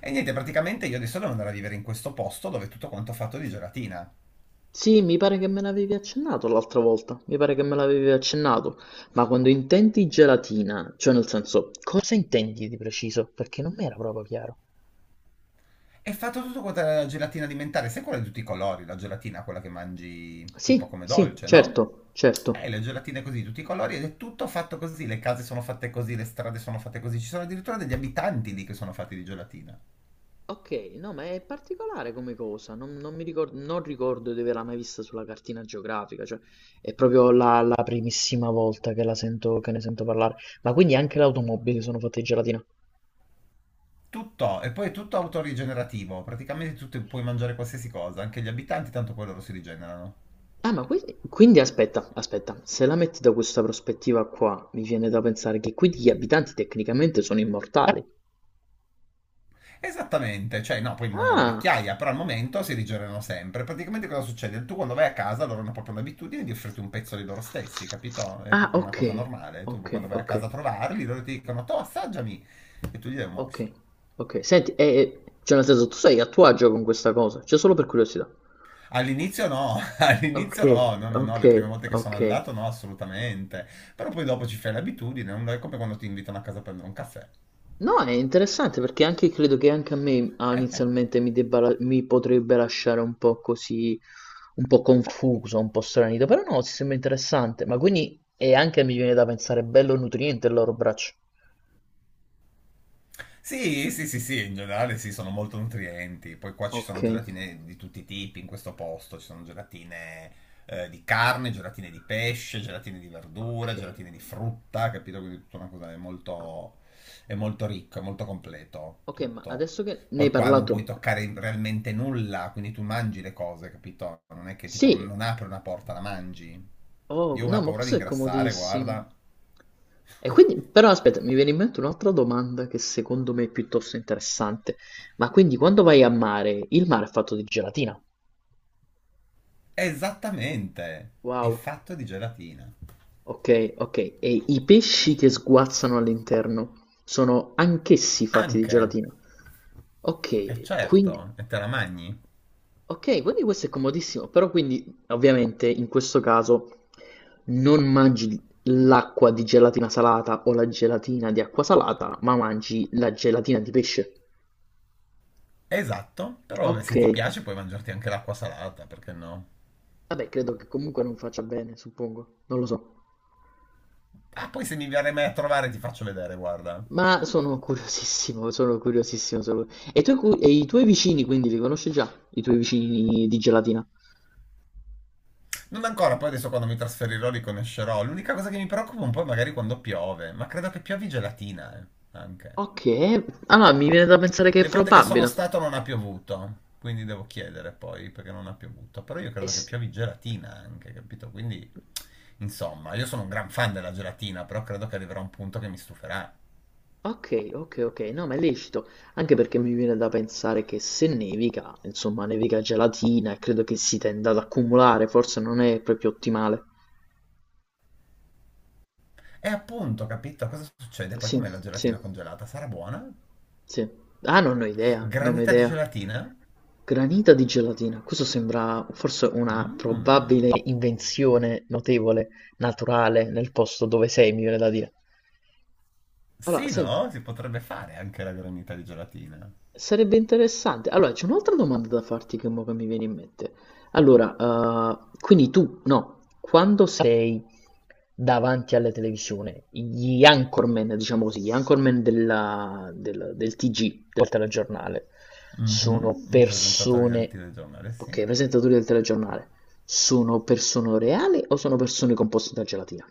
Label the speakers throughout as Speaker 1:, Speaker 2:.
Speaker 1: E niente, praticamente io adesso devo andare a vivere in questo posto dove tutto quanto ho fatto di gelatina.
Speaker 2: Sì, mi pare che me l'avevi accennato l'altra volta, mi pare che me l'avevi accennato, ma quando intendi gelatina, cioè nel senso, cosa intendi di preciso? Perché non mi era proprio chiaro.
Speaker 1: È fatto tutto quanto la gelatina alimentare, sai quella di tutti i colori, la gelatina quella che mangi tipo
Speaker 2: Sì,
Speaker 1: come
Speaker 2: sì,
Speaker 1: dolce, no?
Speaker 2: certo, certo.
Speaker 1: Le gelatine così, di tutti i colori, ed è tutto fatto così, le case sono fatte così, le strade sono fatte così, ci sono addirittura degli abitanti lì che sono fatti di gelatina.
Speaker 2: Ok, no, ma è particolare come cosa, non non ricordo di averla mai vista sulla cartina geografica, cioè è proprio la primissima volta che la sento, che ne sento parlare. Ma quindi anche le automobili sono fatte di gelatina?
Speaker 1: Tutto, e poi è tutto autorigenerativo, praticamente puoi mangiare qualsiasi cosa, anche gli abitanti, tanto poi loro si rigenerano.
Speaker 2: Ah, ma quindi aspetta, aspetta, se la metti da questa prospettiva qua, mi viene da pensare che quindi gli abitanti tecnicamente sono immortali.
Speaker 1: Esattamente, cioè no, poi muoiono di
Speaker 2: Ah,
Speaker 1: vecchiaia, però al momento si rigenerano sempre. Praticamente cosa succede? Tu quando vai a casa loro hanno proprio l'abitudine di offrirti un pezzo di loro stessi, capito? È
Speaker 2: ah,
Speaker 1: proprio una
Speaker 2: ok,
Speaker 1: cosa normale. Tu
Speaker 2: ok,
Speaker 1: quando vai a
Speaker 2: ok,
Speaker 1: casa a trovarli, loro ti dicono, to assaggiami, e tu gli dai un morso.
Speaker 2: ok, ok. Senti, cioè nel senso, tu sei a tuo agio con questa cosa, cioè solo per curiosità.
Speaker 1: All'inizio no,
Speaker 2: Ok,
Speaker 1: all'inizio no, no, no, no,
Speaker 2: ok,
Speaker 1: le prime volte che sono
Speaker 2: ok.
Speaker 1: andato no, assolutamente. Però poi dopo ci fai l'abitudine, non è come quando ti invitano a casa a prendere un caffè.
Speaker 2: No, è interessante perché anche credo che anche a me inizialmente mi potrebbe lasciare un po' così, un po' confuso, un po' stranito, però no, si sembra interessante, ma quindi è anche mi viene da pensare bello nutriente il loro braccio.
Speaker 1: Sì, sì, sì, sì, in generale sì, sono molto nutrienti. Poi qua ci
Speaker 2: Ok,
Speaker 1: sono gelatine di tutti i tipi in questo posto, ci sono gelatine di carne, gelatine di pesce, gelatine di
Speaker 2: ok,
Speaker 1: verdura, gelatine di frutta, capito? Quindi tutta una cosa è molto ricco, è molto completo
Speaker 2: ok, ma
Speaker 1: tutto.
Speaker 2: adesso che ne hai
Speaker 1: Poi qua non puoi
Speaker 2: parlato,
Speaker 1: toccare realmente nulla, quindi tu mangi le cose, capito? Non è che tipo
Speaker 2: sì,
Speaker 1: non apri una porta, la mangi.
Speaker 2: Oh,
Speaker 1: Io ho una
Speaker 2: no, ma
Speaker 1: paura di
Speaker 2: questo è
Speaker 1: ingrassare,
Speaker 2: comodissimo.
Speaker 1: guarda.
Speaker 2: E quindi, però aspetta, mi viene in mente un'altra domanda che secondo me è piuttosto interessante. Ma quindi quando vai a mare, il mare è fatto di gelatina?
Speaker 1: Esattamente, è
Speaker 2: Wow,
Speaker 1: fatto di gelatina.
Speaker 2: ok, ok. E i pesci che sguazzano all'interno sono anch'essi fatti di
Speaker 1: Anche,
Speaker 2: gelatina?
Speaker 1: è
Speaker 2: Ok, quindi
Speaker 1: certo, e te la mangi?
Speaker 2: Ok, quindi questo è comodissimo, però quindi ovviamente in questo caso non mangi l'acqua di gelatina salata o la gelatina di acqua salata, ma mangi la gelatina di pesce.
Speaker 1: Esatto, però
Speaker 2: Ok,
Speaker 1: se ti piace puoi mangiarti anche l'acqua salata, perché no?
Speaker 2: vabbè, credo che comunque non faccia bene, suppongo, non lo so.
Speaker 1: Ah, poi se mi verrai mai a trovare ti faccio vedere, guarda.
Speaker 2: Ma sono curiosissimo, sono curiosissimo. E, i e i tuoi vicini quindi li conosci già, i tuoi vicini di gelatina?
Speaker 1: Non ancora, poi adesso quando mi trasferirò li conoscerò. L'unica cosa che mi preoccupa un po' è magari quando piove, ma credo che piovi gelatina, anche.
Speaker 2: Ok, allora mi viene da pensare che è
Speaker 1: Le volte che sono
Speaker 2: probabile.
Speaker 1: stato non ha piovuto, quindi devo chiedere poi perché non ha piovuto. Però io
Speaker 2: Eh
Speaker 1: credo che
Speaker 2: s-
Speaker 1: piovi gelatina anche, capito? Quindi, insomma, io sono un gran fan della gelatina, però credo che arriverà un punto che mi stuferà.
Speaker 2: Okay, okay, okay. No, ma è lecito, anche perché mi viene da pensare che se nevica, insomma, nevica gelatina e credo che si tenda ad accumulare, forse non è proprio ottimale.
Speaker 1: E appunto, capito? Cosa succede? Poi
Speaker 2: Sì,
Speaker 1: com'è la
Speaker 2: sì,
Speaker 1: gelatina congelata? Sarà buona?
Speaker 2: sì. Ah, non ho idea, non ho
Speaker 1: Granita di
Speaker 2: idea.
Speaker 1: gelatina?
Speaker 2: Granita di gelatina, questo sembra forse una probabile
Speaker 1: Mmm.
Speaker 2: invenzione notevole, naturale, nel posto dove sei, mi viene da dire. Allora,
Speaker 1: Sì,
Speaker 2: senti.
Speaker 1: no? Si potrebbe fare anche la granita di gelatina.
Speaker 2: Sarebbe interessante. Allora, c'è un'altra domanda da farti che mo che mi viene in mente. Allora, quindi tu, no, quando sei davanti alla televisione, gli anchorman, diciamo così, gli anchorman del TG, del telegiornale, sono
Speaker 1: Mhm, i presentatori del
Speaker 2: persone,
Speaker 1: telegiornale,
Speaker 2: ok,
Speaker 1: sì.
Speaker 2: i presentatori del telegiornale, sono persone reali o sono persone composte da gelatina?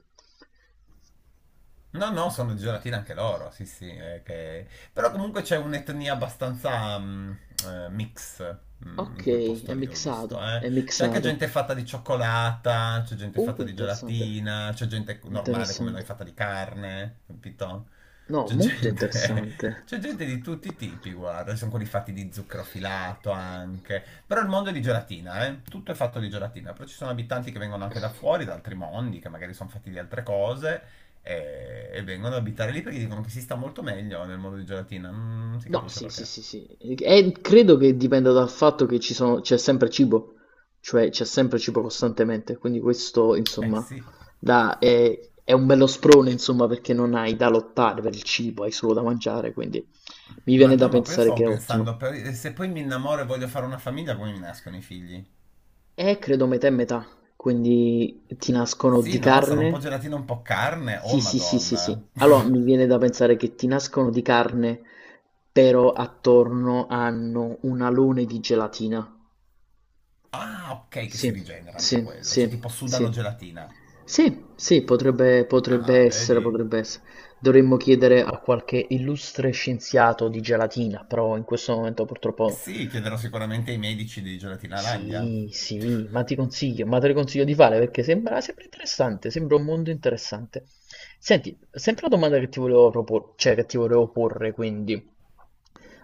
Speaker 1: No, no, sono di gelatina anche loro, sì, sì. Però comunque c'è un'etnia abbastanza mix in quel
Speaker 2: Ok, è
Speaker 1: posto lì, ho visto.
Speaker 2: mixato, è
Speaker 1: C'è anche
Speaker 2: mixato.
Speaker 1: gente fatta di cioccolata, c'è gente fatta di
Speaker 2: Interessante.
Speaker 1: gelatina, c'è gente normale come noi
Speaker 2: Interessante.
Speaker 1: fatta di carne, capito?
Speaker 2: No,
Speaker 1: C'è
Speaker 2: molto
Speaker 1: gente,
Speaker 2: interessante.
Speaker 1: c'è gente di tutti i tipi, guarda. Ci sono quelli fatti di zucchero filato anche. Però il mondo è di gelatina, eh. Tutto è fatto di gelatina. Però ci sono abitanti che vengono anche da fuori, da altri mondi, che magari sono fatti di altre cose e vengono ad abitare lì perché dicono che si sta molto meglio nel mondo di gelatina. Non si
Speaker 2: No,
Speaker 1: capisce
Speaker 2: sì, sì,
Speaker 1: perché.
Speaker 2: sì, sì. E credo che dipenda dal fatto che ci sono, c'è sempre cibo, cioè c'è sempre cibo costantemente, quindi questo,
Speaker 1: Eh
Speaker 2: insomma,
Speaker 1: sì.
Speaker 2: dà- è un bello sprone, insomma, perché non hai da lottare per il cibo, hai solo da mangiare, quindi mi
Speaker 1: Ma
Speaker 2: viene da
Speaker 1: no, ma poi
Speaker 2: pensare
Speaker 1: stavo
Speaker 2: che è ottimo.
Speaker 1: pensando, se poi mi innamoro e voglio fare una famiglia, come mi nascono i figli?
Speaker 2: Credo metà e metà, quindi ti nascono
Speaker 1: Sì,
Speaker 2: di
Speaker 1: no, sarà un po'
Speaker 2: carne?
Speaker 1: gelatina, un po' carne. Oh,
Speaker 2: Sì, sì, sì, sì,
Speaker 1: Madonna.
Speaker 2: sì. Allora mi viene da pensare che ti nascono di carne, però attorno hanno un alone di gelatina.
Speaker 1: Ah, ok, che
Speaker 2: Sì,
Speaker 1: si rigenera anche
Speaker 2: sì,
Speaker 1: quello.
Speaker 2: sì,
Speaker 1: Cioè, tipo sudano
Speaker 2: sì.
Speaker 1: gelatina.
Speaker 2: Sì, sì, potrebbe
Speaker 1: Ah,
Speaker 2: essere,
Speaker 1: vedi?
Speaker 2: potrebbe essere. Dovremmo chiedere a qualche illustre scienziato di gelatina, però in questo momento
Speaker 1: Eh
Speaker 2: purtroppo
Speaker 1: sì, chiederò sicuramente ai medici di Gelatina Landia.
Speaker 2: Sì, sì, ma ti consiglio, ma te lo consiglio di fare perché sembra, sembra interessante, sembra un mondo interessante. Senti, sempre la domanda che ti volevo cioè che ti volevo porre, quindi.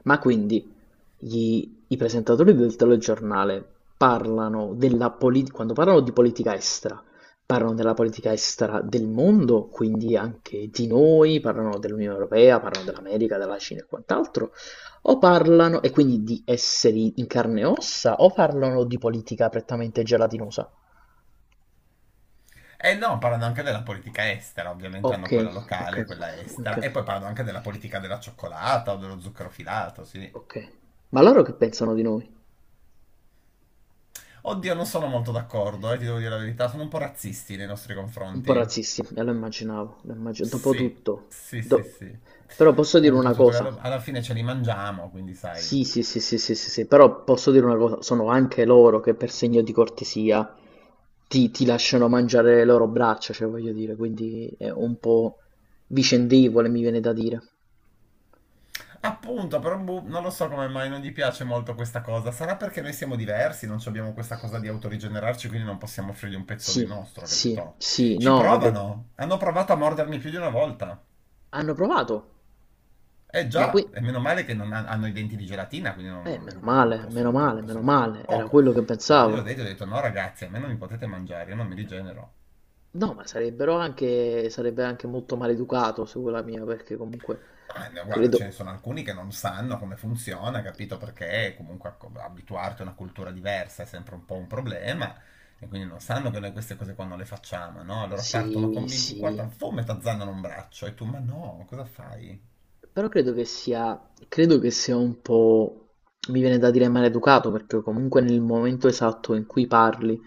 Speaker 2: Ma quindi i presentatori del telegiornale parlano della politica, quando parlano di politica estera, parlano della politica estera del mondo, quindi anche di noi, parlano dell'Unione Europea, parlano dell'America, della Cina e quant'altro, o parlano, e quindi di esseri in carne e ossa, o parlano di politica prettamente gelatinosa?
Speaker 1: E no, parlano anche della politica estera, ovviamente
Speaker 2: Ok,
Speaker 1: hanno quella
Speaker 2: ok,
Speaker 1: locale, quella
Speaker 2: ok,
Speaker 1: estera, e poi parlano anche della politica della cioccolata o dello zucchero filato, sì.
Speaker 2: ok. Ma loro che pensano di noi?
Speaker 1: Oddio, non sono molto d'accordo, ti devo dire la verità, sono un po' razzisti nei nostri
Speaker 2: Un po'
Speaker 1: confronti.
Speaker 2: razzisti, e lo immaginavo,
Speaker 1: Sì,
Speaker 2: dopotutto,
Speaker 1: sì, sì, sì.
Speaker 2: però posso dire
Speaker 1: Un po'
Speaker 2: una
Speaker 1: tutto,
Speaker 2: cosa,
Speaker 1: alla fine ce li mangiamo, quindi sai,
Speaker 2: sì, sì, sì, sì, sì, sì, sì, però posso dire una cosa, sono anche loro che per segno di cortesia ti lasciano mangiare le loro braccia, cioè voglio dire, quindi è un po' vicendevole, mi viene da dire.
Speaker 1: appunto, però boh, non lo so come mai non gli piace molto questa cosa. Sarà perché noi siamo diversi, non abbiamo questa cosa di autorigenerarci, quindi non possiamo offrirgli un pezzo
Speaker 2: Sì,
Speaker 1: di nostro,
Speaker 2: sì,
Speaker 1: capito?
Speaker 2: sì,
Speaker 1: Ci
Speaker 2: no,
Speaker 1: provano. Hanno provato a mordermi più di una volta.
Speaker 2: hanno provato,
Speaker 1: Eh
Speaker 2: ma qui,
Speaker 1: già, e meno male che non han- hanno i denti di gelatina, quindi non,
Speaker 2: meno
Speaker 1: non
Speaker 2: male, meno
Speaker 1: possono,
Speaker 2: male, meno
Speaker 1: possono farci
Speaker 2: male, era
Speaker 1: poco.
Speaker 2: quello che
Speaker 1: Però io ho
Speaker 2: pensavo.
Speaker 1: detto no ragazzi, a me non mi potete mangiare, io non mi rigenero.
Speaker 2: No, ma sarebbero anche sarebbe anche molto maleducato sulla mia, perché comunque
Speaker 1: Ah, no, guarda, ce ne
Speaker 2: credo
Speaker 1: sono alcuni che non sanno come funziona, capito? Perché comunque abituarti a una cultura diversa è sempre un po' un problema e quindi non sanno che noi queste cose qua non le facciamo, no? Allora partono
Speaker 2: sì,
Speaker 1: convinti in
Speaker 2: sì,
Speaker 1: quarta, fum, e t'azzannano un braccio e tu, ma no, cosa fai?
Speaker 2: però credo che sia un po' mi viene da dire maleducato, perché comunque nel momento esatto in cui parli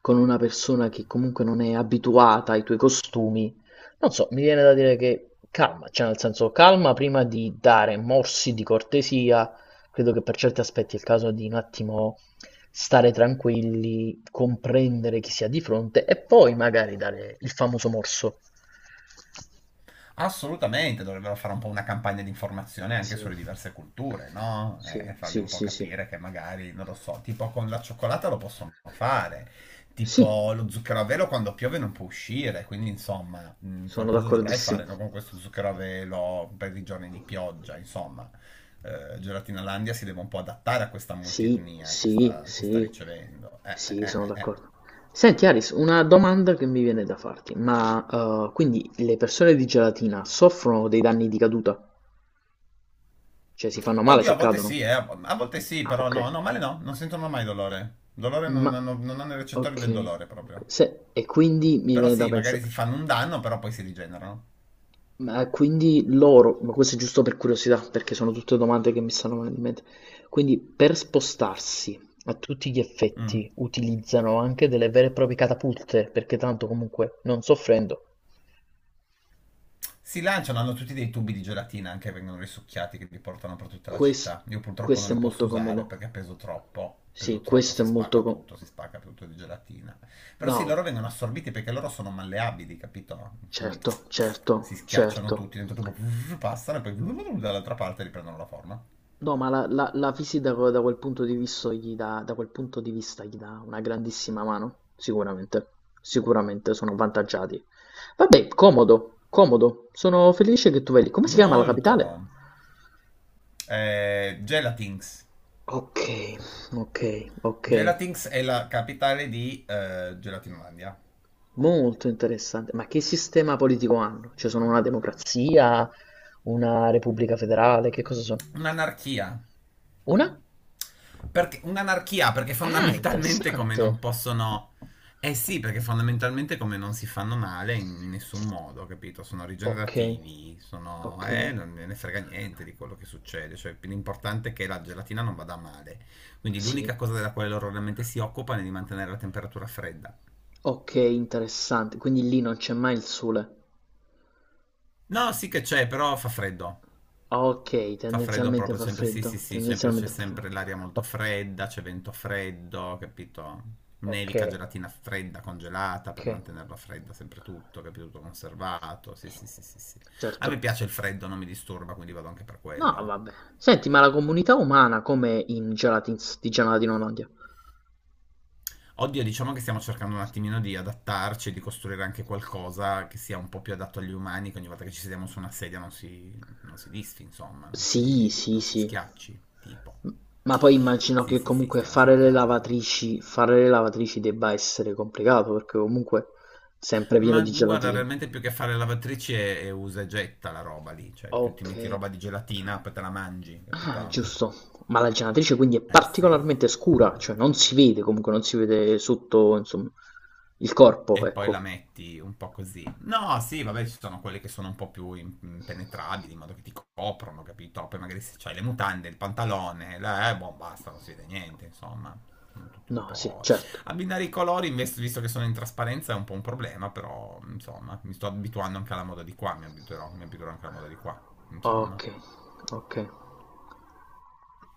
Speaker 2: con una persona che comunque non è abituata ai tuoi costumi, non so, mi viene da dire che calma, cioè nel senso calma prima di dare morsi di cortesia, credo che per certi aspetti è il caso di un attimo stare tranquilli, comprendere chi si ha di fronte e poi magari dare il famoso morso.
Speaker 1: Assolutamente, dovrebbero fare un po' una campagna di informazione anche
Speaker 2: Sì,
Speaker 1: sulle diverse culture, no? E
Speaker 2: sì,
Speaker 1: fargli
Speaker 2: sì,
Speaker 1: un po'
Speaker 2: sì, sì.
Speaker 1: capire che magari, non lo so, tipo con la cioccolata lo possono fare,
Speaker 2: Sì,
Speaker 1: tipo lo zucchero a velo quando piove non può uscire, quindi insomma,
Speaker 2: sono
Speaker 1: qualcosa dovrai fare, no?
Speaker 2: d'accordissimo.
Speaker 1: Con questo zucchero a velo per i giorni di pioggia, insomma. Gelatina Landia si deve un po' adattare a questa
Speaker 2: Sì,
Speaker 1: multietnia che
Speaker 2: sì,
Speaker 1: sta
Speaker 2: sì,
Speaker 1: ricevendo.
Speaker 2: sì, sono d'accordo. Senti Aris, una domanda che mi viene da farti, ma quindi le persone di gelatina soffrono dei danni di caduta? Cioè si fanno male
Speaker 1: Oddio,
Speaker 2: se cadono?
Speaker 1: a volte sì,
Speaker 2: Ah,
Speaker 1: però
Speaker 2: ok.
Speaker 1: no, no, male no, non sentono mai dolore. Dolore
Speaker 2: Ma
Speaker 1: non hanno, non hanno i
Speaker 2: ok,
Speaker 1: recettori del dolore
Speaker 2: ok.
Speaker 1: proprio.
Speaker 2: E quindi mi
Speaker 1: Però
Speaker 2: viene da
Speaker 1: sì, magari
Speaker 2: pensare.
Speaker 1: si fanno un danno, però poi si rigenerano.
Speaker 2: Ma quindi loro, ma questo è giusto per curiosità, perché sono tutte domande che mi stanno venendo in mente. Quindi per spostarsi a tutti gli
Speaker 1: Mm.
Speaker 2: effetti utilizzano anche delle vere e proprie catapulte, perché tanto comunque non soffrendo.
Speaker 1: Si lanciano, hanno tutti dei tubi di gelatina anche che vengono risucchiati che li portano per tutta la
Speaker 2: Quest-
Speaker 1: città. Io purtroppo non
Speaker 2: questo è
Speaker 1: li posso
Speaker 2: molto
Speaker 1: usare
Speaker 2: comodo.
Speaker 1: perché peso troppo.
Speaker 2: Sì,
Speaker 1: Peso troppo,
Speaker 2: questo è molto comodo.
Speaker 1: si spacca tutto di gelatina. Però sì,
Speaker 2: No,
Speaker 1: loro vengono assorbiti perché loro sono malleabili, capito? Quindi
Speaker 2: certo,
Speaker 1: si
Speaker 2: certo,
Speaker 1: schiacciano
Speaker 2: certo.
Speaker 1: tutti, dentro tubo passano e poi dall'altra parte riprendono la forma.
Speaker 2: No, ma la Fisi da quel punto di vista gli dà, da quel punto di vista gli dà una grandissima mano, sicuramente, sicuramente sono avvantaggiati. Vabbè, comodo, comodo, sono felice che tu vedi. Come si chiama la
Speaker 1: Molto.
Speaker 2: capitale?
Speaker 1: Gelatinx.
Speaker 2: Ok, ok, ok,
Speaker 1: Gelatinx è la capitale di Gelatinolandia.
Speaker 2: molto interessante. Ma che sistema politico hanno? Cioè sono una democrazia, una repubblica federale, che cosa sono?
Speaker 1: Un'anarchia.
Speaker 2: Una?
Speaker 1: Perché, un'anarchia perché
Speaker 2: Ah,
Speaker 1: fondamentalmente come
Speaker 2: interessante.
Speaker 1: non possono... Eh sì, perché fondamentalmente come non si fanno male in nessun modo, capito? Sono
Speaker 2: Okay,
Speaker 1: rigenerativi, sono...
Speaker 2: okay.
Speaker 1: non me ne frega niente di quello che succede. Cioè, l'importante è che la gelatina non vada male. Quindi
Speaker 2: Sì.
Speaker 1: l'unica cosa della quale loro realmente si occupano è di mantenere la temperatura fredda.
Speaker 2: Okay, interessante. Quindi lì non c'è mai il sole.
Speaker 1: No, sì che c'è, però fa freddo.
Speaker 2: Okay,
Speaker 1: Fa freddo
Speaker 2: tendenzialmente
Speaker 1: proprio,
Speaker 2: fa
Speaker 1: sempre sì,
Speaker 2: freddo,
Speaker 1: sì, sì, sempre, c'è
Speaker 2: tendenzialmente fa
Speaker 1: sempre
Speaker 2: freddo.
Speaker 1: l'aria molto fredda, c'è vento freddo, capito?
Speaker 2: O
Speaker 1: Nevica
Speaker 2: okay,
Speaker 1: gelatina fredda, congelata per
Speaker 2: okay.
Speaker 1: mantenerla fredda, sempre tutto, capito? Tutto conservato, sì, sì, sì, sì, sì. A
Speaker 2: Certo.
Speaker 1: me piace il freddo, non mi disturba, quindi vado anche per
Speaker 2: No,
Speaker 1: quello.
Speaker 2: vabbè. Senti, ma la comunità umana com'è in Gelatins di Gelatina Olanda?
Speaker 1: Oddio, diciamo che stiamo cercando un attimino di adattarci e di costruire anche qualcosa che sia un po' più adatto agli umani, che ogni volta che ci sediamo su una sedia non si disfi, insomma,
Speaker 2: Sì, sì,
Speaker 1: non si
Speaker 2: sì.
Speaker 1: schiacci, tipo.
Speaker 2: M poi immagino
Speaker 1: Sì,
Speaker 2: che
Speaker 1: sì, sì,
Speaker 2: comunque
Speaker 1: stiamo cercando.
Speaker 2: fare le lavatrici debba essere complicato, perché comunque sempre pieno
Speaker 1: Ma
Speaker 2: di
Speaker 1: guarda,
Speaker 2: gelatina.
Speaker 1: realmente più che fare lavatrici è usa e getta la roba lì, cioè tu ti metti
Speaker 2: Okay.
Speaker 1: roba di gelatina, poi te la mangi,
Speaker 2: Ah,
Speaker 1: capito?
Speaker 2: giusto. Ma la gelatrice quindi è
Speaker 1: Eh sì.
Speaker 2: particolarmente scura, cioè non si vede comunque, non si vede sotto, insomma, il corpo,
Speaker 1: E poi la
Speaker 2: ecco.
Speaker 1: metti un po' così. No, sì, vabbè, ci sono quelle che sono un po' più impenetrabili, in modo che ti coprono, capito? Poi magari se c'hai le mutande, il pantalone, boh, basta, non si vede niente, insomma. Sono tutti un
Speaker 2: No, sì,
Speaker 1: po'...
Speaker 2: certo.
Speaker 1: Abbinare i colori, invece, visto che sono in trasparenza, è un po' un problema, però, insomma, mi sto abituando anche alla moda di qua, mi abituerò anche alla moda di qua, insomma.
Speaker 2: Okay, okay.